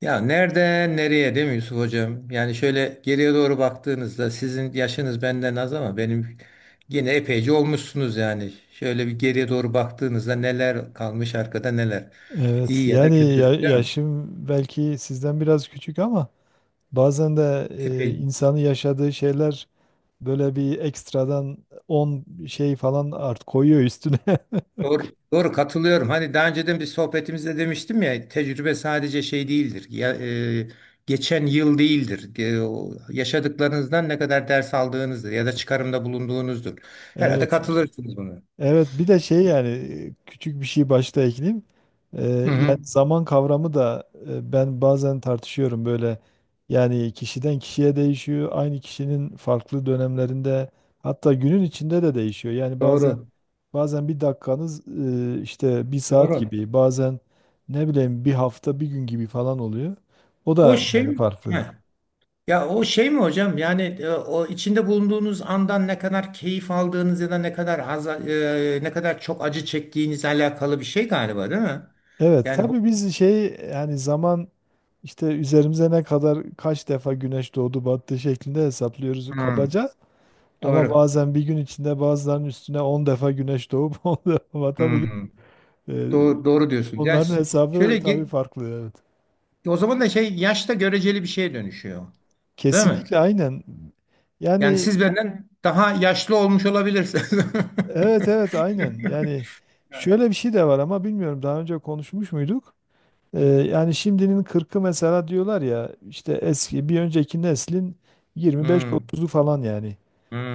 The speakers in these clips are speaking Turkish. Ya nereden nereye değil mi Yusuf hocam? Yani şöyle geriye doğru baktığınızda sizin yaşınız benden az ama benim yine epeyce olmuşsunuz yani. Şöyle bir geriye doğru baktığınızda neler kalmış arkada neler. Evet İyi ya da yani kötü değil mi? yaşım belki sizden biraz küçük ama bazen de Epey. insanın yaşadığı şeyler böyle bir ekstradan 10 şey falan art koyuyor üstüne. Doğru, doğru katılıyorum. Hani daha önceden bir sohbetimizde demiştim ya tecrübe sadece şey değildir. E, Geçen yıl değildir. O yaşadıklarınızdan ne kadar ders aldığınızdır ya da çıkarımda bulunduğunuzdur. Herhalde Evet. katılırsınız buna. Evet bir de şey yani küçük bir şey başta ekleyeyim. Hı Yani hı. zaman kavramı da ben bazen tartışıyorum böyle. Yani kişiden kişiye değişiyor. Aynı kişinin farklı dönemlerinde hatta günün içinde de değişiyor. Yani bazen Doğru. bazen bir dakikanız işte bir saat Doğru. gibi, bazen ne bileyim bir hafta bir gün gibi falan oluyor. O O da şey. yani farklı. Heh. Ya o şey mi hocam? Yani o içinde bulunduğunuz andan ne kadar keyif aldığınız ya da ne kadar az ne kadar çok acı çektiğinizle alakalı bir şey galiba, değil mi? Evet Yani ho- tabii biz şey yani zaman işte üzerimize ne kadar kaç defa güneş doğdu battı şeklinde hesaplıyoruz Hmm, kabaca. Ama doğru. bazen bir gün içinde bazılarının üstüne 10 defa güneş doğup 10 defa batabiliyor. Hmm, E, doğru. Doğru diyorsunuz. Onların şöyle hesabı tabii ge- farklı, evet. O zaman da şey, yaşta göreceli bir şeye dönüşüyor. Değil mi? Kesinlikle, aynen. Yani Yani siz benden daha yaşlı olmuş olabilirsiniz. evet evet aynen. Yani şöyle bir şey de var, ama bilmiyorum daha önce konuşmuş muyduk? Hmm, Yani şimdinin 40'ı mesela diyorlar ya, işte eski bir önceki neslin hmm, 25-30'u falan yani.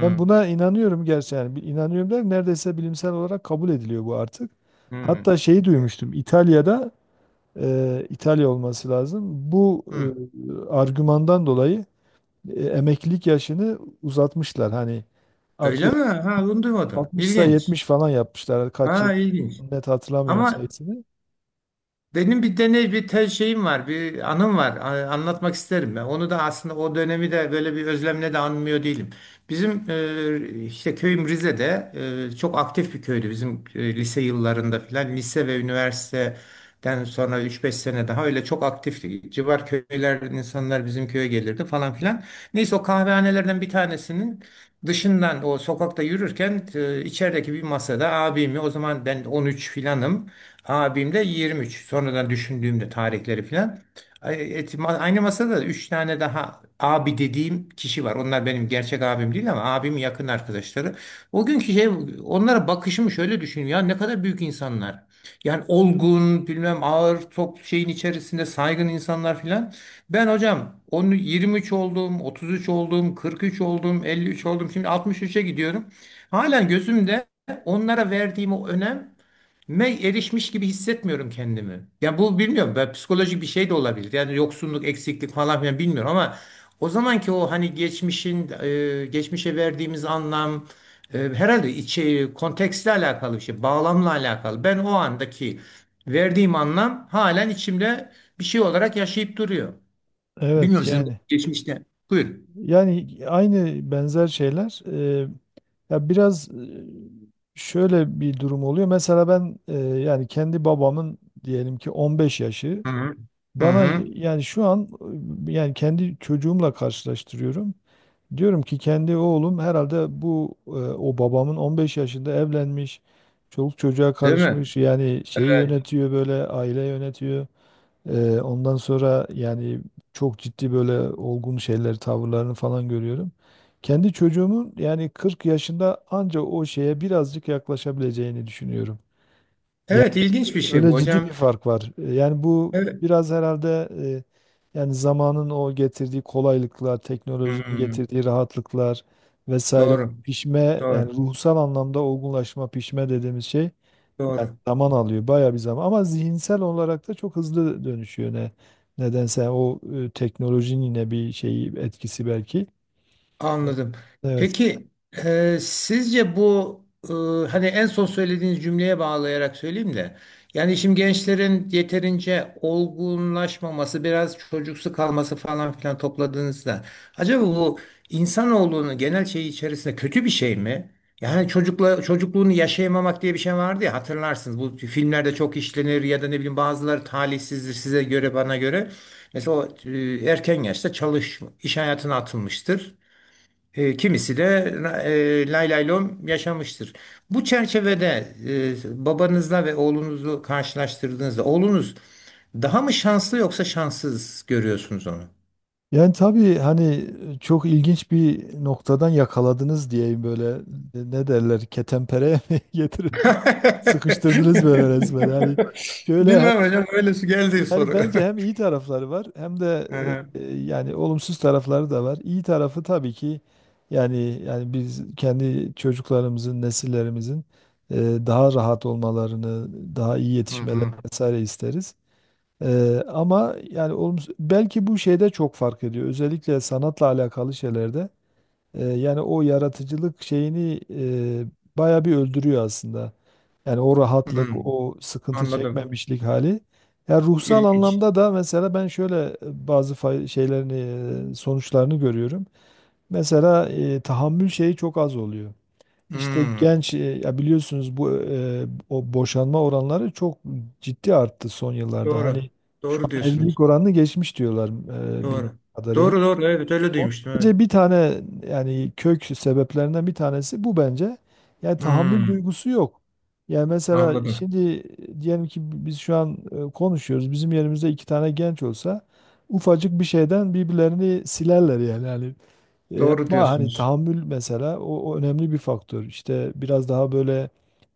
Ben buna inanıyorum, gerçi yani inanıyorum der, neredeyse bilimsel olarak kabul ediliyor bu artık. hmm. Hatta şeyi duymuştum, İtalya'da İtalya olması lazım. Bu Hmm. Argümandan dolayı emeklilik yaşını uzatmışlar hani. Öyle mi? Ha, bunu duymadım. 60'sa İlginç. 70 falan yapmışlar. Kaç yıl Ha, ilginç. net hatırlamıyorum Ama sayısını. benim bir deney, bir te şeyim var, bir anım var. Anlatmak isterim ben. Onu da aslında o dönemi de böyle bir özlemle de anmıyor değilim. Bizim işte köyüm Rize'de çok aktif bir köydü bizim, lise yıllarında filan. Lise ve üniversiteden sonra üç beş sene daha öyle çok aktifti. Civar köylerden insanlar bizim köye gelirdi falan filan. Neyse, o kahvehanelerden bir tanesinin dışından o sokakta yürürken, içerideki bir masada abimi, o zaman ben 13 filanım. Abimde de 23. Sonradan düşündüğümde tarihleri filan. Aynı masada da 3 tane daha abi dediğim kişi var. Onlar benim gerçek abim değil ama abimin yakın arkadaşları. O günkü şey, onlara bakışımı şöyle düşünüyorum. Ya ne kadar büyük insanlar. Yani olgun, bilmem, ağır top şeyin içerisinde saygın insanlar filan. Ben hocam onu 23 oldum, 33 oldum, 43 oldum, 53 oldum. Şimdi 63'e gidiyorum. Halen gözümde onlara verdiğim o önem erişmiş gibi hissetmiyorum kendimi. Ya bu bilmiyorum, ben, psikolojik bir şey de olabilir. Yani yoksunluk, eksiklik falan filan bilmiyorum ama o zamanki, o hani geçmişin, geçmişe verdiğimiz anlam, herhalde içi kontekstle alakalı bir şey, bağlamla alakalı. Ben o andaki verdiğim anlam halen içimde bir şey olarak yaşayıp duruyor. Bilmiyorum Evet sizin yani geçmişte. Buyurun. Aynı benzer şeyler e, ya biraz şöyle bir durum oluyor. Mesela ben yani kendi babamın diyelim ki 15 yaşı Hı hı. Hı bana hı. yani şu an yani kendi çocuğumla karşılaştırıyorum. Diyorum ki kendi oğlum herhalde bu o babamın 15 yaşında evlenmiş, çoluk çocuğa Değil mi? karışmış, yani şeyi Evet. yönetiyor, böyle aile yönetiyor. Ondan sonra yani çok ciddi böyle olgun şeyler, tavırlarını falan görüyorum. Kendi çocuğumun yani 40 yaşında anca o şeye birazcık yaklaşabileceğini düşünüyorum. Yani Evet, ilginç bir şey bu öyle ciddi bir hocam. fark var. Yani bu Evet. biraz herhalde yani zamanın o getirdiği kolaylıklar, Hı teknolojinin hı. getirdiği rahatlıklar vesaire, Doğru. pişme yani Doğru. ruhsal anlamda olgunlaşma, pişme dediğimiz şey Doğru. zaman alıyor, bayağı bir zaman. Ama zihinsel olarak da çok hızlı dönüşüyor ne nedense, o teknolojinin yine bir şeyi etkisi belki. Anladım. Evet. Peki, sizce bu, e, hani en son söylediğiniz cümleye bağlayarak söyleyeyim de, yani şimdi gençlerin yeterince olgunlaşmaması, biraz çocuksu kalması falan filan topladığınızda, acaba bu insanoğlunun genel şeyi içerisinde kötü bir şey mi? Yani çocukla çocukluğunu yaşayamamak diye bir şey vardı ya, hatırlarsınız, bu filmlerde çok işlenir ya da ne bileyim, bazıları talihsizdir size göre, bana göre. Mesela o, erken yaşta çalış, iş hayatına atılmıştır. Kimisi de lay lay lom yaşamıştır. Bu çerçevede, babanızla ve oğlunuzu karşılaştırdığınızda oğlunuz daha mı şanslı, yoksa şanssız görüyorsunuz onu? Yani tabii hani çok ilginç bir noktadan yakaladınız diyeyim böyle. Ne derler ketenpereye mi getirir, sıkıştırdınız böyle resmen hani şöyle. Bilmem hocam, öyle su geldi Yani soru. bence hem iyi tarafları var hem de Aha. Yani olumsuz tarafları da var. İyi tarafı tabii ki yani biz kendi çocuklarımızın, nesillerimizin e, daha rahat olmalarını, daha iyi Hı yetişmelerini hı. vesaire isteriz. Ama yani olumsuz, belki bu şeyde çok fark ediyor. Özellikle sanatla alakalı şeylerde. Yani o yaratıcılık şeyini baya bir öldürüyor aslında. Yani o rahatlık, Hı. o sıkıntı Anladım. çekmemişlik hali. Ya ruhsal İlginç. anlamda da mesela ben şöyle şeylerini, sonuçlarını görüyorum. Mesela tahammül şeyi çok az oluyor. İşte Hı. genç, ya biliyorsunuz bu o boşanma oranları çok ciddi arttı son yıllarda. Hani Doğru. şu Doğru an evlilik diyorsunuz. oranını geçmiş diyorlar bildiğim Doğru. kadarıyla. Doğru doğru, evet, öyle Onun duymuştum, evet. Bence bir tane yani kök sebeplerinden bir tanesi bu bence. Yani tahammül Hı. duygusu yok. Yani mesela Anladım. şimdi diyelim ki biz şu an konuşuyoruz. Bizim yerimizde iki tane genç olsa ufacık bir şeyden birbirlerini silerler yani. Yani Doğru ama hani diyorsunuz. tahammül mesela o önemli bir faktör. İşte biraz daha böyle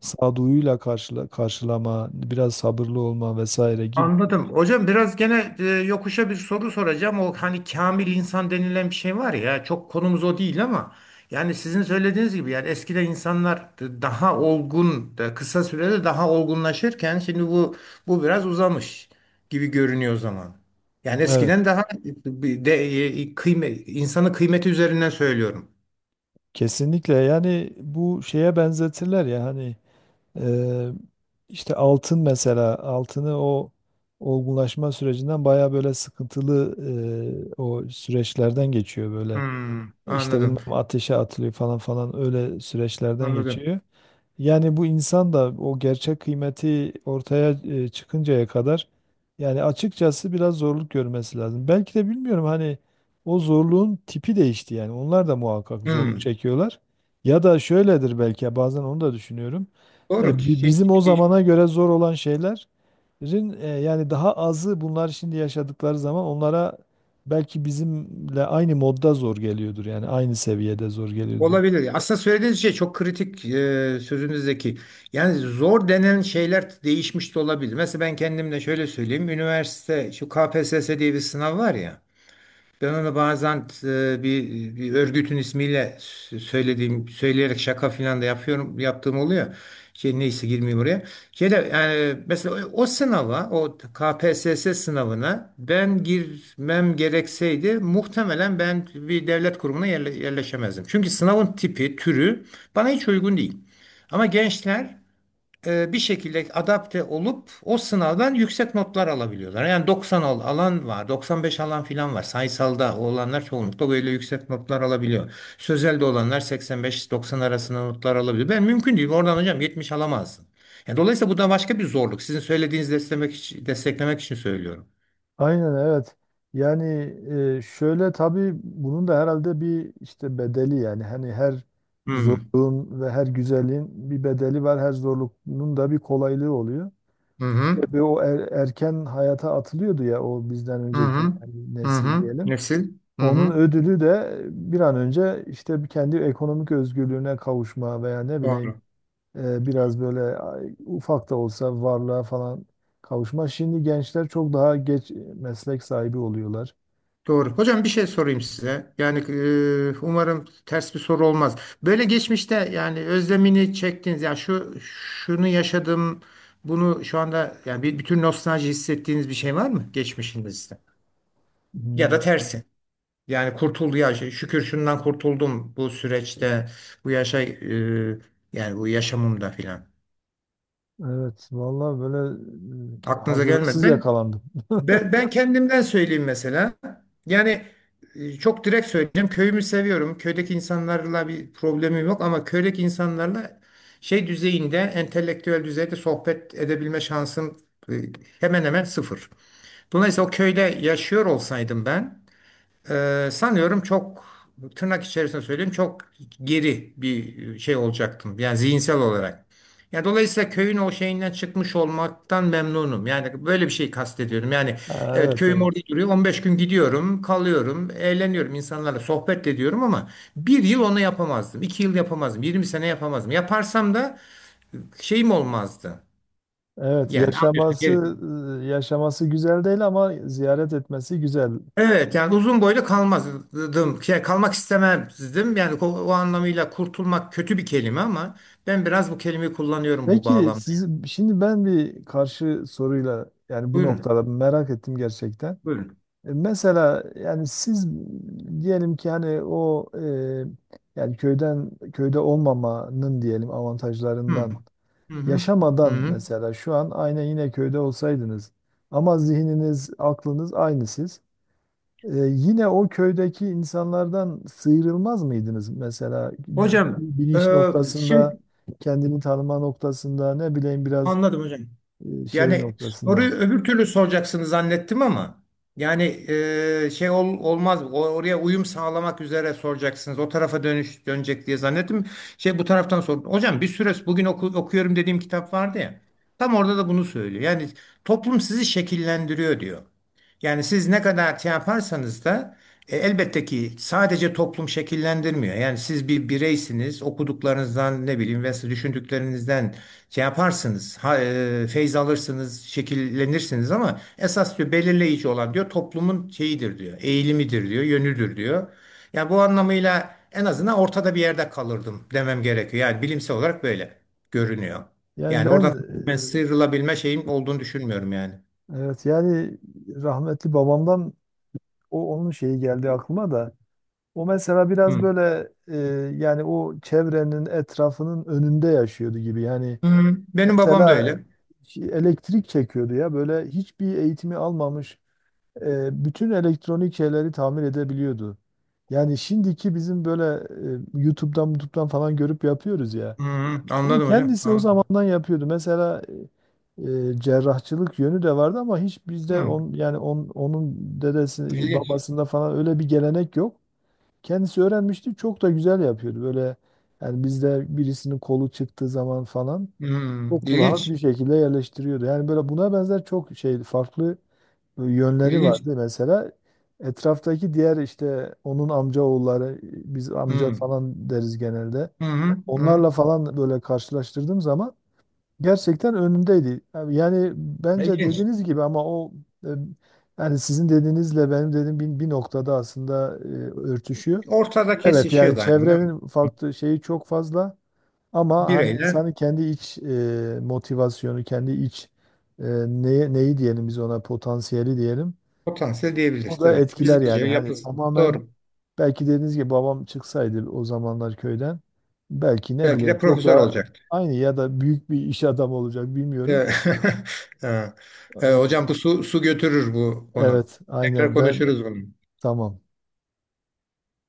sağduyuyla karşılama, biraz sabırlı olma vesaire gibi. Anladım. Hocam, biraz gene yokuşa bir soru soracağım. O hani kamil insan denilen bir şey var ya, çok konumuz o değil ama, yani sizin söylediğiniz gibi, yani eskiden insanlar daha olgun da kısa sürede daha olgunlaşırken, şimdi bu, bu biraz uzamış gibi görünüyor o zaman. Yani Evet. eskiden daha bir de, insanın kıymeti üzerinden söylüyorum. Kesinlikle yani bu şeye benzetirler ya hani. Ee, işte altın, mesela altını o olgunlaşma sürecinden baya böyle sıkıntılı o süreçlerden geçiyor böyle. Hmm, İşte bilmem anladım. ateşe atılıyor falan falan, öyle süreçlerden Anladım. geçiyor. Yani bu insan da o gerçek kıymeti ortaya çıkıncaya kadar yani açıkçası biraz zorluk görmesi lazım. Belki de bilmiyorum hani o zorluğun tipi değişti yani. Onlar da muhakkak zorluk Hmm, çekiyorlar. Ya da şöyledir belki, ya bazen onu da düşünüyorum. doğru. Ki Bizim o zamana göre zor olan şeyler, yani daha azı bunlar şimdi yaşadıkları zaman onlara belki bizimle aynı modda zor geliyordur. Yani aynı seviyede zor geliyordur. olabilir. Aslında söylediğiniz şey çok kritik, sözünüzdeki. Yani zor denen şeyler değişmiş de olabilir. Mesela ben kendimle şöyle söyleyeyim. Üniversite, şu KPSS diye bir sınav var ya. Ben onu bazen, bir örgütün ismiyle söylediğim, söyleyerek şaka filan da yapıyorum, yaptığım oluyor. Şey, neyse, girmeyeyim oraya. Şey de, yani mesela o sınava, o KPSS sınavına ben girmem gerekseydi, muhtemelen ben bir devlet kurumuna yerleşemezdim. Çünkü sınavın tipi, türü bana hiç uygun değil. Ama gençler bir şekilde adapte olup o sınavdan yüksek notlar alabiliyorlar. Yani 90 alan var, 95 alan filan var. Sayısalda olanlar çoğunlukla böyle yüksek notlar alabiliyor. Sözelde olanlar 85-90 arasında notlar alabiliyor. Ben mümkün değil. Oradan hocam 70 alamazsın. Yani dolayısıyla bu da başka bir zorluk. Sizin söylediğinizi desteklemek için söylüyorum. Aynen, evet. Yani şöyle tabii bunun da herhalde bir işte bedeli, yani hani her Hmm. zorluğun ve her güzelliğin bir bedeli var. Her zorluğun da bir kolaylığı oluyor. Hı hı. Tabii erken hayata atılıyordu ya o bizden Hı önceki hı. yani Hı hı. Hı nesil hı. diyelim. Nesil. Hı Onun hı. ödülü de bir an önce işte kendi ekonomik özgürlüğüne kavuşma veya ne bileyim Doğru. Biraz böyle ay, ufak da olsa varlığa falan kavuşma. Şimdi gençler çok daha geç meslek sahibi oluyorlar. Doğru. Hocam, bir şey sorayım size. Yani umarım ters bir soru olmaz. Böyle geçmişte, yani özlemini çektiğiniz, ya şu şunu yaşadım, bunu şu anda, yani bir bütün nostalji hissettiğiniz bir şey var mı geçmişinizde? Ya da Hmm. tersi. Yani kurtuldu ya, şey, şükür şundan kurtuldum bu süreçte, bu yaşa, yani bu yaşamımda filan. Evet, vallahi böyle Aklınıza gelmedi. hazırlıksız yakalandım. Ben, kendimden söyleyeyim mesela. Yani, çok direkt söyleyeceğim. Köyümü seviyorum. Köydeki insanlarla bir problemim yok ama köydeki insanlarla şey düzeyinde, entelektüel düzeyde sohbet edebilme şansım, e, hemen hemen sıfır. Dolayısıyla o köyde yaşıyor olsaydım ben, sanıyorum çok, tırnak içerisinde söyleyeyim, çok geri bir şey olacaktım. Yani zihinsel olarak. Yani dolayısıyla köyün o şeyinden çıkmış olmaktan memnunum. Yani böyle bir şey kastediyorum. Yani Ha, evet, evet, köyüm evet. orada duruyor. 15 gün gidiyorum, kalıyorum, eğleniyorum, insanlarla sohbet ediyorum ama bir yıl onu yapamazdım, 2 yıl yapamazdım, 20 sene yapamazdım. Yaparsam da şeyim olmazdı. Evet, Yani anlıyorsun. Yaşaması yaşaması güzel değil ama ziyaret etmesi güzel. Evet yani uzun boylu kalmazdım. Şey, kalmak istemezdim. Yani o, o anlamıyla kurtulmak kötü bir kelime ama ben biraz bu kelimeyi kullanıyorum bu Peki bağlamda. siz şimdi, ben bir karşı soruyla yani bu Buyurun. noktada merak ettim gerçekten. Buyurun. Mesela yani siz diyelim ki hani yani köyde olmamanın diyelim Hı hı. avantajlarından Hı hı. yaşamadan, Hı. mesela şu an aynı yine köyde olsaydınız ama zihniniz, aklınız aynı siz. Yine o köydeki insanlardan sıyrılmaz mıydınız mesela, Hocam. bilinç Ee, Şimdi noktasında, kendini tanıma noktasında, ne bileyim biraz anladım hocam. Şey Yani noktasında. soruyu öbür türlü soracaksınız zannettim ama, yani olmaz, oraya uyum sağlamak üzere soracaksınız, o tarafa dönüş dönecek diye zannettim. Şey, bu taraftan sordum hocam, bir süre bugün okuyorum dediğim kitap vardı ya, tam orada da bunu söylüyor. Yani toplum sizi şekillendiriyor diyor, yani siz ne kadar şey yaparsanız da, elbette ki sadece toplum şekillendirmiyor, yani siz bir bireysiniz, okuduklarınızdan ne bileyim ve düşündüklerinizden şey yaparsınız, feyz alırsınız, şekillenirsiniz ama esas diyor belirleyici olan, diyor toplumun şeyidir diyor, eğilimidir diyor, yönüdür diyor. Yani bu anlamıyla en azından ortada bir yerde kalırdım demem gerekiyor. Yani bilimsel olarak böyle görünüyor. Yani Yani ben oradan tamamen sıyrılabilme şeyim olduğunu düşünmüyorum yani. Evet yani rahmetli babamdan, o onun şeyi geldi aklıma da. O mesela biraz Hı. böyle yani o çevrenin etrafının önünde yaşıyordu gibi. Yani Hı. Benim babam da mesela öyle. şey, elektrik çekiyordu ya böyle, hiçbir eğitimi almamış bütün elektronik şeyleri tamir edebiliyordu. Yani şimdiki bizim böyle YouTube'dan falan görüp yapıyoruz ya. Hı, Bunu anladım hocam. kendisi o Anladım. zamandan yapıyordu. Mesela e, cerrahçılık yönü de vardı ama hiç bizde Hı. Onun dedesi İlginç. babasında falan öyle bir gelenek yok. Kendisi öğrenmişti. Çok da güzel yapıyordu. Böyle yani bizde birisinin kolu çıktığı zaman falan Hı. çok rahat İlginç. bir şekilde yerleştiriyordu. Yani böyle buna benzer çok şey farklı yönleri İlginç. vardı. Mesela etraftaki diğer işte onun amca oğulları, biz amca Hı. falan deriz genelde. Hı hı. Hı. Onlarla falan böyle karşılaştırdığım zaman gerçekten önündeydi. Yani bence İlginç. dediğiniz gibi, ama e, yani sizin dediğinizle benim dediğim bir noktada aslında örtüşüyor. Ortada Evet yani kesişiyor yani, değil mi? çevrenin farklı şeyi çok fazla, ama hani Bireyler, insanın kendi iç motivasyonu, kendi iç neyi diyelim, biz ona potansiyeli diyelim. potansiyel O diyebiliriz. da Evet. Biz etkiler yani, hani yapısı. tamamen Doğru. belki dediğiniz gibi babam çıksaydı o zamanlar köyden belki ne Belki bileyim de çok profesör daha olacaktı. aynı ya da büyük bir iş adamı olacak, bilmiyorum. Evet. Ha. Hocam bu Aynen. Su götürür bu konu. Evet, Tekrar aynen ben. konuşuruz bunu. Tamam.